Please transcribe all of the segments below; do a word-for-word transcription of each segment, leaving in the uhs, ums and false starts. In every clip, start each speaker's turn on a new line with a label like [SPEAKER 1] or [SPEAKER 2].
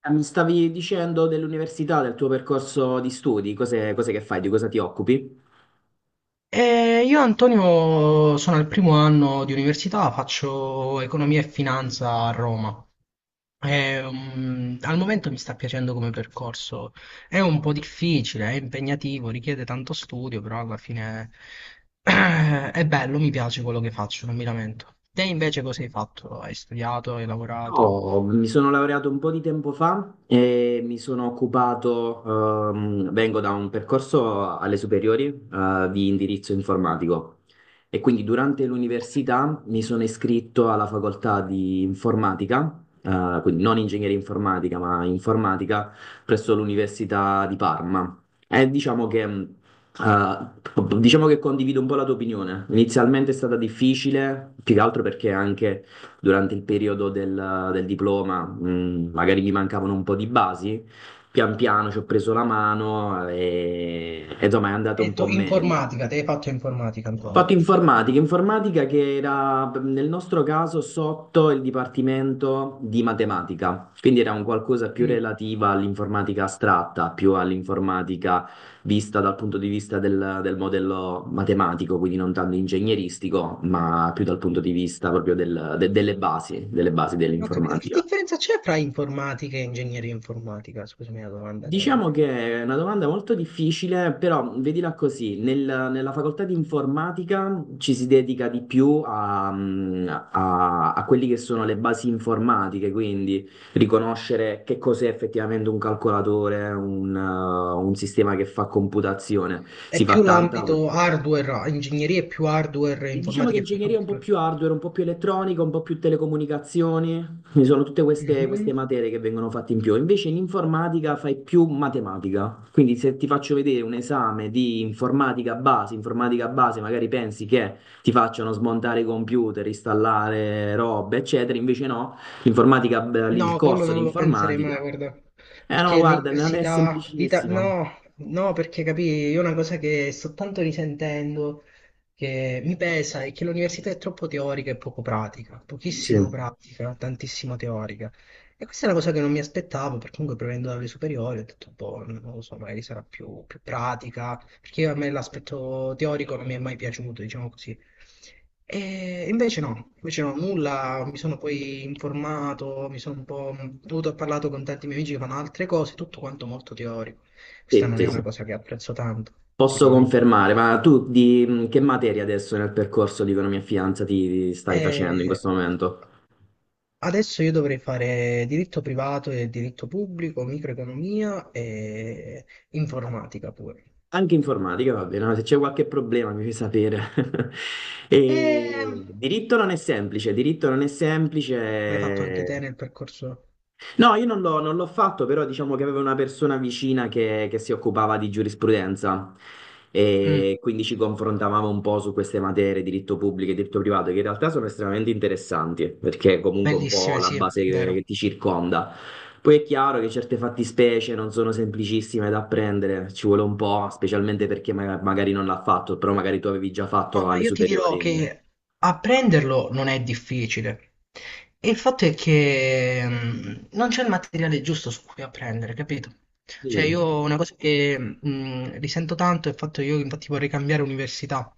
[SPEAKER 1] Ah, mi stavi dicendo dell'università, del tuo percorso di studi, cose, cose che fai, di cosa ti occupi?
[SPEAKER 2] Eh, io Antonio sono al primo anno di università, faccio economia e finanza a Roma. Eh, mm, al momento mi sta piacendo come percorso. È un po' difficile, è impegnativo, richiede tanto studio, però alla fine è bello, mi piace quello che faccio, non mi lamento. Te invece cosa hai fatto? Hai studiato, hai lavorato?
[SPEAKER 1] Io mi sono laureato un po' di tempo fa e mi sono occupato, ehm, vengo da un percorso alle superiori, eh, di indirizzo informatico e quindi durante l'università mi sono iscritto alla facoltà di informatica, eh, quindi non ingegneria informatica ma informatica presso l'Università di Parma. E diciamo che, mh, eh, diciamo che condivido un po' la tua opinione. Inizialmente è stata difficile, più che altro perché anche durante il periodo del, del diploma, mh, magari mi mancavano un po' di basi, pian piano ci ho preso la mano e, e insomma è andato
[SPEAKER 2] Hai
[SPEAKER 1] un
[SPEAKER 2] detto
[SPEAKER 1] po' meglio.
[SPEAKER 2] informatica, te hai fatto informatica, Antonio.
[SPEAKER 1] Fatto informatica, informatica che era mh, nel nostro caso sotto il dipartimento di matematica, quindi era un qualcosa più relativa all'informatica astratta, più all'informatica vista dal punto di vista del, del modello matematico, quindi non tanto ingegneristico, ma più dal punto di vista proprio del- de- delle basi, delle basi
[SPEAKER 2] Ho capito. Che
[SPEAKER 1] dell'informatica.
[SPEAKER 2] differenza c'è fra informatica e ingegneria informatica? Scusami la domanda che avevo.
[SPEAKER 1] Diciamo che è una domanda molto difficile, però vedila così, nel- nella facoltà di informatica ci si dedica di più a, mm, a- a quelli che sono le basi informatiche, quindi riconoscere che cos'è effettivamente un calcolatore, un, eh, un sistema che fa computazione. Si
[SPEAKER 2] È
[SPEAKER 1] fa
[SPEAKER 2] più
[SPEAKER 1] tanta,
[SPEAKER 2] l'ambito hardware, ingegneria è più hardware,
[SPEAKER 1] diciamo che
[SPEAKER 2] informatica è più
[SPEAKER 1] ingegneria è un po'
[SPEAKER 2] software.
[SPEAKER 1] più hardware, un po' più elettronica, un po' più telecomunicazioni. Ci sono tutte queste, queste
[SPEAKER 2] Mhm.
[SPEAKER 1] materie che vengono fatte in più. Invece in informatica fai più matematica, quindi se ti faccio vedere un esame di informatica base, informatica base, magari pensi che ti facciano smontare i computer, installare robe, eccetera, invece no, l'informatica, beh, lì, il
[SPEAKER 2] No, quello
[SPEAKER 1] corso di
[SPEAKER 2] non lo penserei mai,
[SPEAKER 1] informatica,
[SPEAKER 2] guarda,
[SPEAKER 1] eh no,
[SPEAKER 2] perché
[SPEAKER 1] guarda, non è
[SPEAKER 2] l'università, l'Ita-
[SPEAKER 1] semplicissimo.
[SPEAKER 2] no, no, perché capì, io una cosa che sto tanto risentendo, che mi pesa, è che l'università è troppo teorica e poco pratica,
[SPEAKER 1] Sì,
[SPEAKER 2] pochissimo pratica, tantissimo teorica. E questa è una cosa che non mi aspettavo, perché comunque provenendo dalle superiori ho detto, boh, non lo so, magari sarà più, più pratica, perché a me l'aspetto teorico non mi è mai piaciuto, diciamo così. E invece no, invece no, nulla, mi sono poi informato, mi sono un po'... dovuto ho parlato con tanti miei amici che fanno altre cose, tutto quanto molto teorico. Questa
[SPEAKER 1] sì,
[SPEAKER 2] non è
[SPEAKER 1] sì.
[SPEAKER 2] una
[SPEAKER 1] Sì.
[SPEAKER 2] cosa che apprezzo tanto, ti dico
[SPEAKER 1] Posso
[SPEAKER 2] la verità.
[SPEAKER 1] confermare, ma tu di mh, che materia adesso nel percorso di economia e finanza ti, ti stai facendo in
[SPEAKER 2] E
[SPEAKER 1] questo momento?
[SPEAKER 2] adesso io dovrei fare diritto privato e diritto pubblico, microeconomia e informatica pure.
[SPEAKER 1] Anche informatica, va bene, no? Se c'è qualche problema mi fai sapere. E
[SPEAKER 2] E
[SPEAKER 1] diritto non è semplice, diritto non è
[SPEAKER 2] l'hai fatto anche te
[SPEAKER 1] semplice.
[SPEAKER 2] nel percorso?
[SPEAKER 1] No, io non l'ho non l'ho fatto, però diciamo che avevo una persona vicina che, che si occupava di giurisprudenza
[SPEAKER 2] Mm,
[SPEAKER 1] e quindi ci confrontavamo un po' su queste materie, diritto pubblico e diritto privato, che in realtà sono estremamente interessanti, perché è comunque un po'
[SPEAKER 2] bellissime,
[SPEAKER 1] la
[SPEAKER 2] sì,
[SPEAKER 1] base che, che
[SPEAKER 2] vero.
[SPEAKER 1] ti circonda. Poi è chiaro che certe fattispecie non sono semplicissime da apprendere, ci vuole un po', specialmente perché ma- magari non l'ha fatto, però magari tu avevi già fatto
[SPEAKER 2] Ma
[SPEAKER 1] alle
[SPEAKER 2] io ti dirò
[SPEAKER 1] superiori.
[SPEAKER 2] che apprenderlo non è difficile. E il fatto è che mh, non c'è il materiale giusto su cui apprendere, capito? Cioè,
[SPEAKER 1] Mm,
[SPEAKER 2] io una cosa che mh, risento tanto è il fatto che io infatti vorrei cambiare università.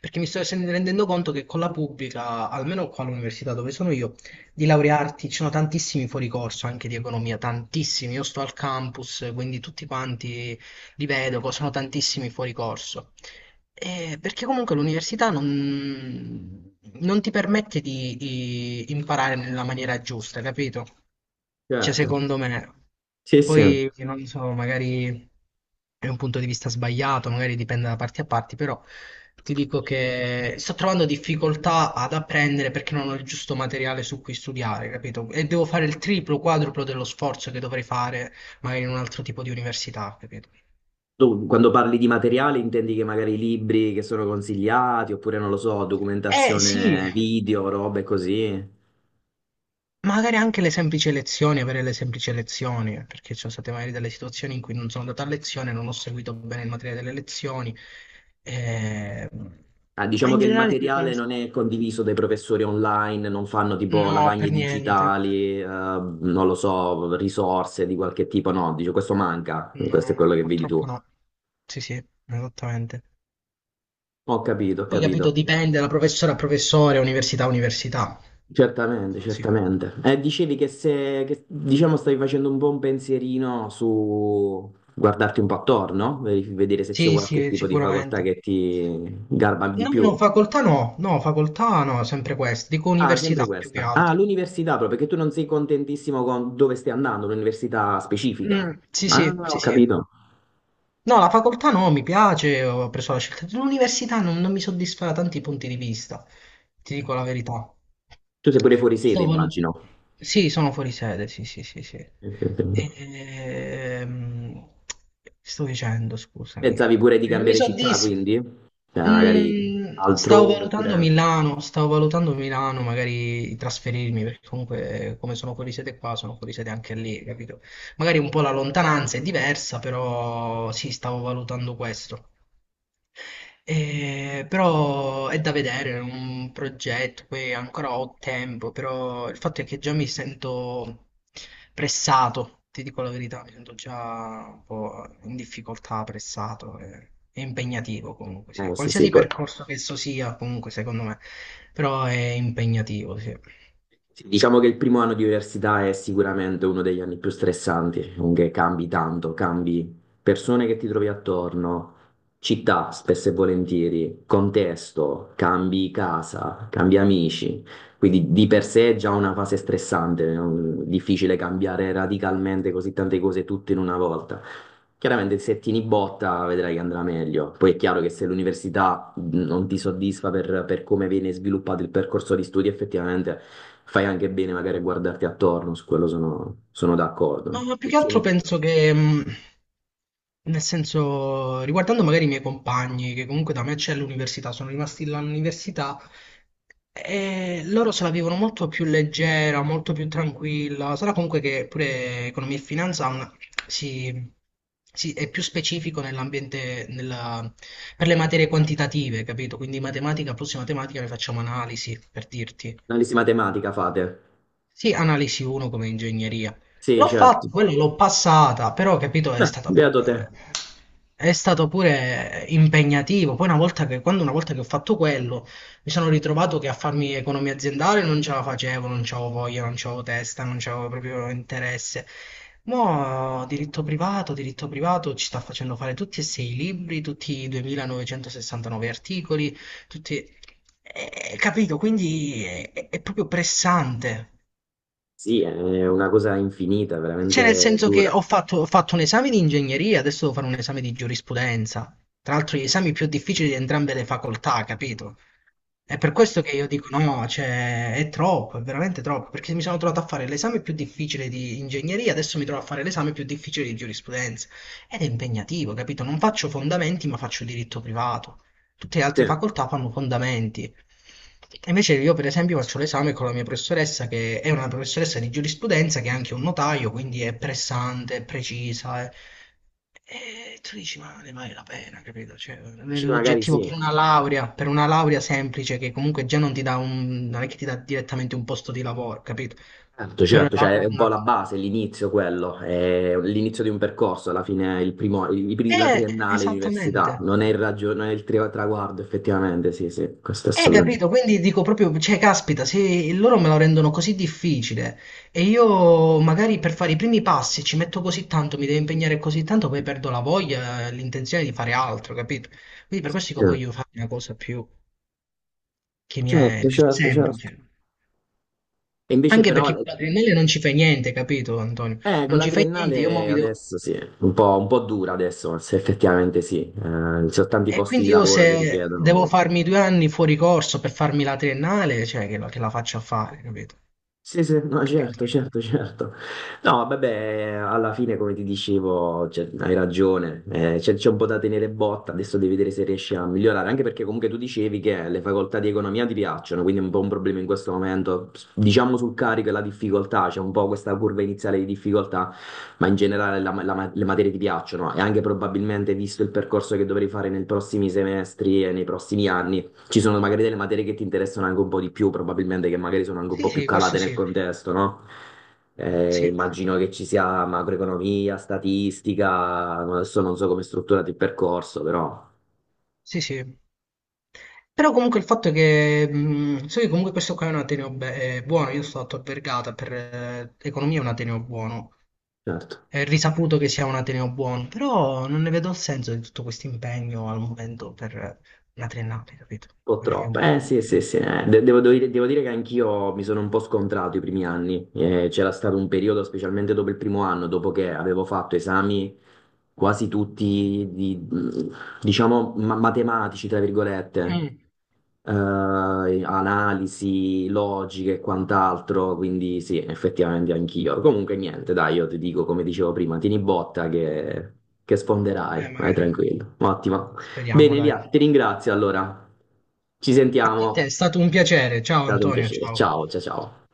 [SPEAKER 2] Perché mi sto sen- rendendo conto che con la pubblica, almeno qua all'università dove sono io, di laurearti ci sono tantissimi fuori corso anche di economia, tantissimi. Io sto al campus, quindi tutti quanti li vedo, co- sono tantissimi fuori corso. Eh, perché comunque l'università non, non ti permette di, di imparare nella maniera giusta, capito? Cioè,
[SPEAKER 1] certo,
[SPEAKER 2] secondo me.
[SPEAKER 1] sì, sì.
[SPEAKER 2] Poi, non so, magari è un punto di vista sbagliato, magari dipende da parti a parti, però ti dico che sto trovando difficoltà ad apprendere perché non ho il giusto materiale su cui studiare, capito? E devo fare il triplo, quadruplo dello sforzo che dovrei fare magari in un altro tipo di università, capito?
[SPEAKER 1] Tu, quando parli di materiale, intendi che magari libri che sono consigliati, oppure non lo so,
[SPEAKER 2] Eh sì,
[SPEAKER 1] documentazione video, robe così.
[SPEAKER 2] magari anche le semplici lezioni, avere le semplici lezioni, perché ci sono state magari delle situazioni in cui non sono andato a lezione, non ho seguito bene il materiale delle lezioni. eh,
[SPEAKER 1] Ah,
[SPEAKER 2] Ma
[SPEAKER 1] diciamo
[SPEAKER 2] in
[SPEAKER 1] che il
[SPEAKER 2] generale ti dicono...
[SPEAKER 1] materiale non è condiviso dai professori online, non fanno tipo
[SPEAKER 2] No,
[SPEAKER 1] lavagne
[SPEAKER 2] per niente.
[SPEAKER 1] digitali, eh, non lo so, risorse di qualche tipo, no, dice questo manca,
[SPEAKER 2] No,
[SPEAKER 1] questo è
[SPEAKER 2] no,
[SPEAKER 1] quello che vedi tu.
[SPEAKER 2] purtroppo no. Sì, sì, esattamente.
[SPEAKER 1] Ho capito, ho
[SPEAKER 2] Poi capito,
[SPEAKER 1] capito.
[SPEAKER 2] dipende da professore a professore, università a università.
[SPEAKER 1] Certamente,
[SPEAKER 2] Così.
[SPEAKER 1] certamente. Eh, dicevi che se, che, diciamo, stavi facendo un buon pensierino su guardarti un po' attorno, no? Veri- vedere se c'è
[SPEAKER 2] Sì,
[SPEAKER 1] qualche
[SPEAKER 2] sì,
[SPEAKER 1] tipo di facoltà
[SPEAKER 2] sicuramente.
[SPEAKER 1] che ti garba di
[SPEAKER 2] No,
[SPEAKER 1] più.
[SPEAKER 2] no, facoltà no, no, facoltà no, sempre questo. Dico
[SPEAKER 1] Ah, sempre
[SPEAKER 2] università più che
[SPEAKER 1] questa. Ah,
[SPEAKER 2] altro.
[SPEAKER 1] l'università proprio, perché tu non sei contentissimo con dove stai andando, un'università specifica.
[SPEAKER 2] Mm, sì,
[SPEAKER 1] Ah,
[SPEAKER 2] sì,
[SPEAKER 1] ho
[SPEAKER 2] sì, sì.
[SPEAKER 1] capito.
[SPEAKER 2] No, la facoltà no, mi piace, ho preso la scelta. L'università non, non mi soddisfa da tanti punti di vista, ti dico la verità.
[SPEAKER 1] Tu sei pure fuori sede,
[SPEAKER 2] Sto valu-
[SPEAKER 1] immagino.
[SPEAKER 2] Sì, sono fuori sede, sì, sì, sì, sì. Ehm, Sto dicendo, scusami.
[SPEAKER 1] Pensavi pure di
[SPEAKER 2] Cioè, non mi
[SPEAKER 1] cambiare città,
[SPEAKER 2] soddisfa.
[SPEAKER 1] quindi? Eh, magari
[SPEAKER 2] Mm, stavo
[SPEAKER 1] altrove,
[SPEAKER 2] valutando
[SPEAKER 1] oppure...
[SPEAKER 2] Milano, stavo valutando Milano, magari trasferirmi, perché comunque eh, come sono fuori sede qua, sono fuori sede anche lì, capito? Magari un po' la lontananza è diversa, però sì, stavo valutando questo. Eh, però è da vedere, è un progetto, poi ancora ho tempo, però il fatto è che già mi sento pressato, ti dico la verità, mi sento già un po' in difficoltà, pressato, eh, è impegnativo comunque, sì.
[SPEAKER 1] Eh, sì, sì,
[SPEAKER 2] Qualsiasi
[SPEAKER 1] poi-
[SPEAKER 2] percorso che esso sia, comunque secondo me, però è impegnativo, sì.
[SPEAKER 1] sì, diciamo che il primo anno di università è sicuramente uno degli anni più stressanti, comunque cambi tanto, cambi persone che ti trovi attorno, città spesso e volentieri, contesto, cambi casa, cambi amici, quindi di per sé è già una fase stressante, è un- difficile cambiare radicalmente così tante cose tutte in una volta. Chiaramente se tieni botta vedrai che andrà meglio. Poi è chiaro che se l'università mh, non ti soddisfa per, per come viene sviluppato il percorso di studi, effettivamente fai anche bene magari a guardarti attorno, su quello sono, sono
[SPEAKER 2] No,
[SPEAKER 1] d'accordo.
[SPEAKER 2] ma più
[SPEAKER 1] E
[SPEAKER 2] che altro
[SPEAKER 1] tieni duro.
[SPEAKER 2] penso che, mh, nel senso, riguardando magari i miei compagni, che comunque da me c'è l'università, sono rimasti là all'università, e loro se la vivono molto più leggera, molto più tranquilla. Sarà comunque che pure economia e finanza ha una- si, si- è più specifico nell'ambiente, nella- per le materie quantitative, capito? Quindi matematica, prossima matematica, ne facciamo analisi, per dirti.
[SPEAKER 1] Analisi matematica fate?
[SPEAKER 2] Sì, analisi uno come ingegneria.
[SPEAKER 1] Sì,
[SPEAKER 2] L'ho
[SPEAKER 1] certo.
[SPEAKER 2] fatto, quello l'ho passata, però capito, è
[SPEAKER 1] Beh,
[SPEAKER 2] stata
[SPEAKER 1] beato te.
[SPEAKER 2] pure, è stato pure impegnativo. Poi una volta che, quando una volta che ho fatto quello, mi sono ritrovato che a farmi economia aziendale non ce la facevo, non c'avevo voglia, non c'avevo testa, non c'avevo proprio interesse. Mo' diritto privato, diritto privato ci sta facendo fare tutti e sei i libri, tutti i duemilanovecentosessantanove articoli, tutti... eh, capito, quindi è, è- è proprio pressante.
[SPEAKER 1] Sì, è una cosa infinita,
[SPEAKER 2] Cioè, nel
[SPEAKER 1] veramente
[SPEAKER 2] senso che
[SPEAKER 1] dura.
[SPEAKER 2] ho fatto, ho fatto un esame di ingegneria, adesso devo fare un esame di giurisprudenza. Tra l'altro, gli esami più difficili di entrambe le facoltà, capito? È per questo che io dico no, cioè è troppo, è veramente troppo, perché mi sono trovato a fare l'esame più difficile di ingegneria, adesso mi trovo a fare l'esame più difficile di giurisprudenza. Ed è impegnativo, capito? Non faccio fondamenti, ma faccio diritto privato. Tutte le
[SPEAKER 1] Sì,
[SPEAKER 2] altre facoltà fanno fondamenti. E invece io, per esempio, faccio l'esame con la mia professoressa, che è una professoressa di giurisprudenza, che è anche un notaio, quindi è pressante, è precisa, è- e tu dici, ma ne vale la pena, capito? Cioè,
[SPEAKER 1] sì, magari
[SPEAKER 2] nell'oggettivo
[SPEAKER 1] sì.
[SPEAKER 2] per una laurea, per una laurea semplice che comunque già non ti dà un, non è che ti dà direttamente un posto di lavoro, capito?
[SPEAKER 1] Certo,
[SPEAKER 2] Per una
[SPEAKER 1] certo, cioè
[SPEAKER 2] laurea,
[SPEAKER 1] è un po'
[SPEAKER 2] una-
[SPEAKER 1] la base, l'inizio quello, è l'inizio di un percorso, alla fine il primo, il- il- la
[SPEAKER 2] eh,
[SPEAKER 1] triennale, l'università,
[SPEAKER 2] esattamente.
[SPEAKER 1] non è il, raggio- non è il tri- traguardo effettivamente, sì, sì, questo è
[SPEAKER 2] Eh,
[SPEAKER 1] assolutamente.
[SPEAKER 2] capito? Quindi dico proprio, cioè, caspita, se loro me lo rendono così difficile e io magari per fare i primi passi ci metto così tanto, mi devo impegnare così tanto, poi perdo la voglia, l'intenzione di fare altro, capito? Quindi per questo
[SPEAKER 1] Sì.
[SPEAKER 2] dico, voglio fare una cosa più, che mi è
[SPEAKER 1] Certo,
[SPEAKER 2] più
[SPEAKER 1] certo, certo.
[SPEAKER 2] semplice.
[SPEAKER 1] E invece
[SPEAKER 2] Anche perché
[SPEAKER 1] però,
[SPEAKER 2] con l'adrenalina non ci fai niente, capito Antonio?
[SPEAKER 1] eh, con
[SPEAKER 2] Non
[SPEAKER 1] la
[SPEAKER 2] ci fai niente, io mo
[SPEAKER 1] triennale
[SPEAKER 2] mi devo...
[SPEAKER 1] adesso sì, un po', un po' dura adesso, se effettivamente sì, eh, ci sono tanti
[SPEAKER 2] E
[SPEAKER 1] posti di
[SPEAKER 2] quindi io
[SPEAKER 1] lavoro che
[SPEAKER 2] se devo
[SPEAKER 1] richiedono.
[SPEAKER 2] farmi due anni fuori corso per farmi la triennale, cioè che, la che la faccio a fare, capito?
[SPEAKER 1] Sì, sì, no,
[SPEAKER 2] Capito?
[SPEAKER 1] certo, certo, certo. No, vabbè, alla fine, come ti dicevo, cioè, hai ragione, eh, c'è c'è un po' da tenere botta, adesso devi vedere se riesci a migliorare, anche perché comunque tu dicevi che le facoltà di economia ti piacciono, quindi è un po' un problema in questo momento, diciamo sul carico e la difficoltà, c'è un po' questa curva iniziale di difficoltà, ma in generale la- la- le materie ti piacciono e anche probabilmente visto il percorso che dovrei fare nei prossimi semestri e nei prossimi anni. Ci sono magari delle materie che ti interessano anche un po' di più, probabilmente che magari sono anche un
[SPEAKER 2] Sì,
[SPEAKER 1] po' più
[SPEAKER 2] sì, questo
[SPEAKER 1] calate nel
[SPEAKER 2] sì.
[SPEAKER 1] contesto, no? Eh,
[SPEAKER 2] Sì,
[SPEAKER 1] immagino che ci sia macroeconomia, statistica, adesso non so come è strutturato il percorso, però
[SPEAKER 2] sì, sì. Però comunque il fatto è che... mh, so che comunque questo qua è un ateneo be- eh, buono, io sto stato a Vergata, per eh, economia è un ateneo buono.
[SPEAKER 1] certo, un
[SPEAKER 2] È risaputo che sia un ateneo buono, però non ne vedo il senso di tutto questo impegno al momento per una triennale, capito?
[SPEAKER 1] po'
[SPEAKER 2] Magari è
[SPEAKER 1] troppo.
[SPEAKER 2] un
[SPEAKER 1] Eh
[SPEAKER 2] po'...
[SPEAKER 1] sì, sì, sì, eh. De- devo, devo dire devo dire che anch'io mi sono un po' scontrato i primi anni. Eh, c'era stato un periodo, specialmente dopo il primo anno, dopo che avevo fatto esami quasi tutti di- diciamo, ma- matematici, tra virgolette.
[SPEAKER 2] Mm.
[SPEAKER 1] Eh, analisi logiche e quant'altro, quindi sì, effettivamente anch'io. Comunque niente, dai, io ti dico come dicevo prima, tieni botta che, che
[SPEAKER 2] Eh,
[SPEAKER 1] sfonderai, vai
[SPEAKER 2] magari.
[SPEAKER 1] tranquillo. Ottimo.
[SPEAKER 2] Speriamo,
[SPEAKER 1] Bene,
[SPEAKER 2] dai.
[SPEAKER 1] Lia, ti ringrazio allora. Ci
[SPEAKER 2] Anche a
[SPEAKER 1] sentiamo,
[SPEAKER 2] te,
[SPEAKER 1] è
[SPEAKER 2] è stato un piacere. Ciao
[SPEAKER 1] stato un
[SPEAKER 2] Antonio,
[SPEAKER 1] piacere.
[SPEAKER 2] ciao.
[SPEAKER 1] Ciao, ciao, ciao.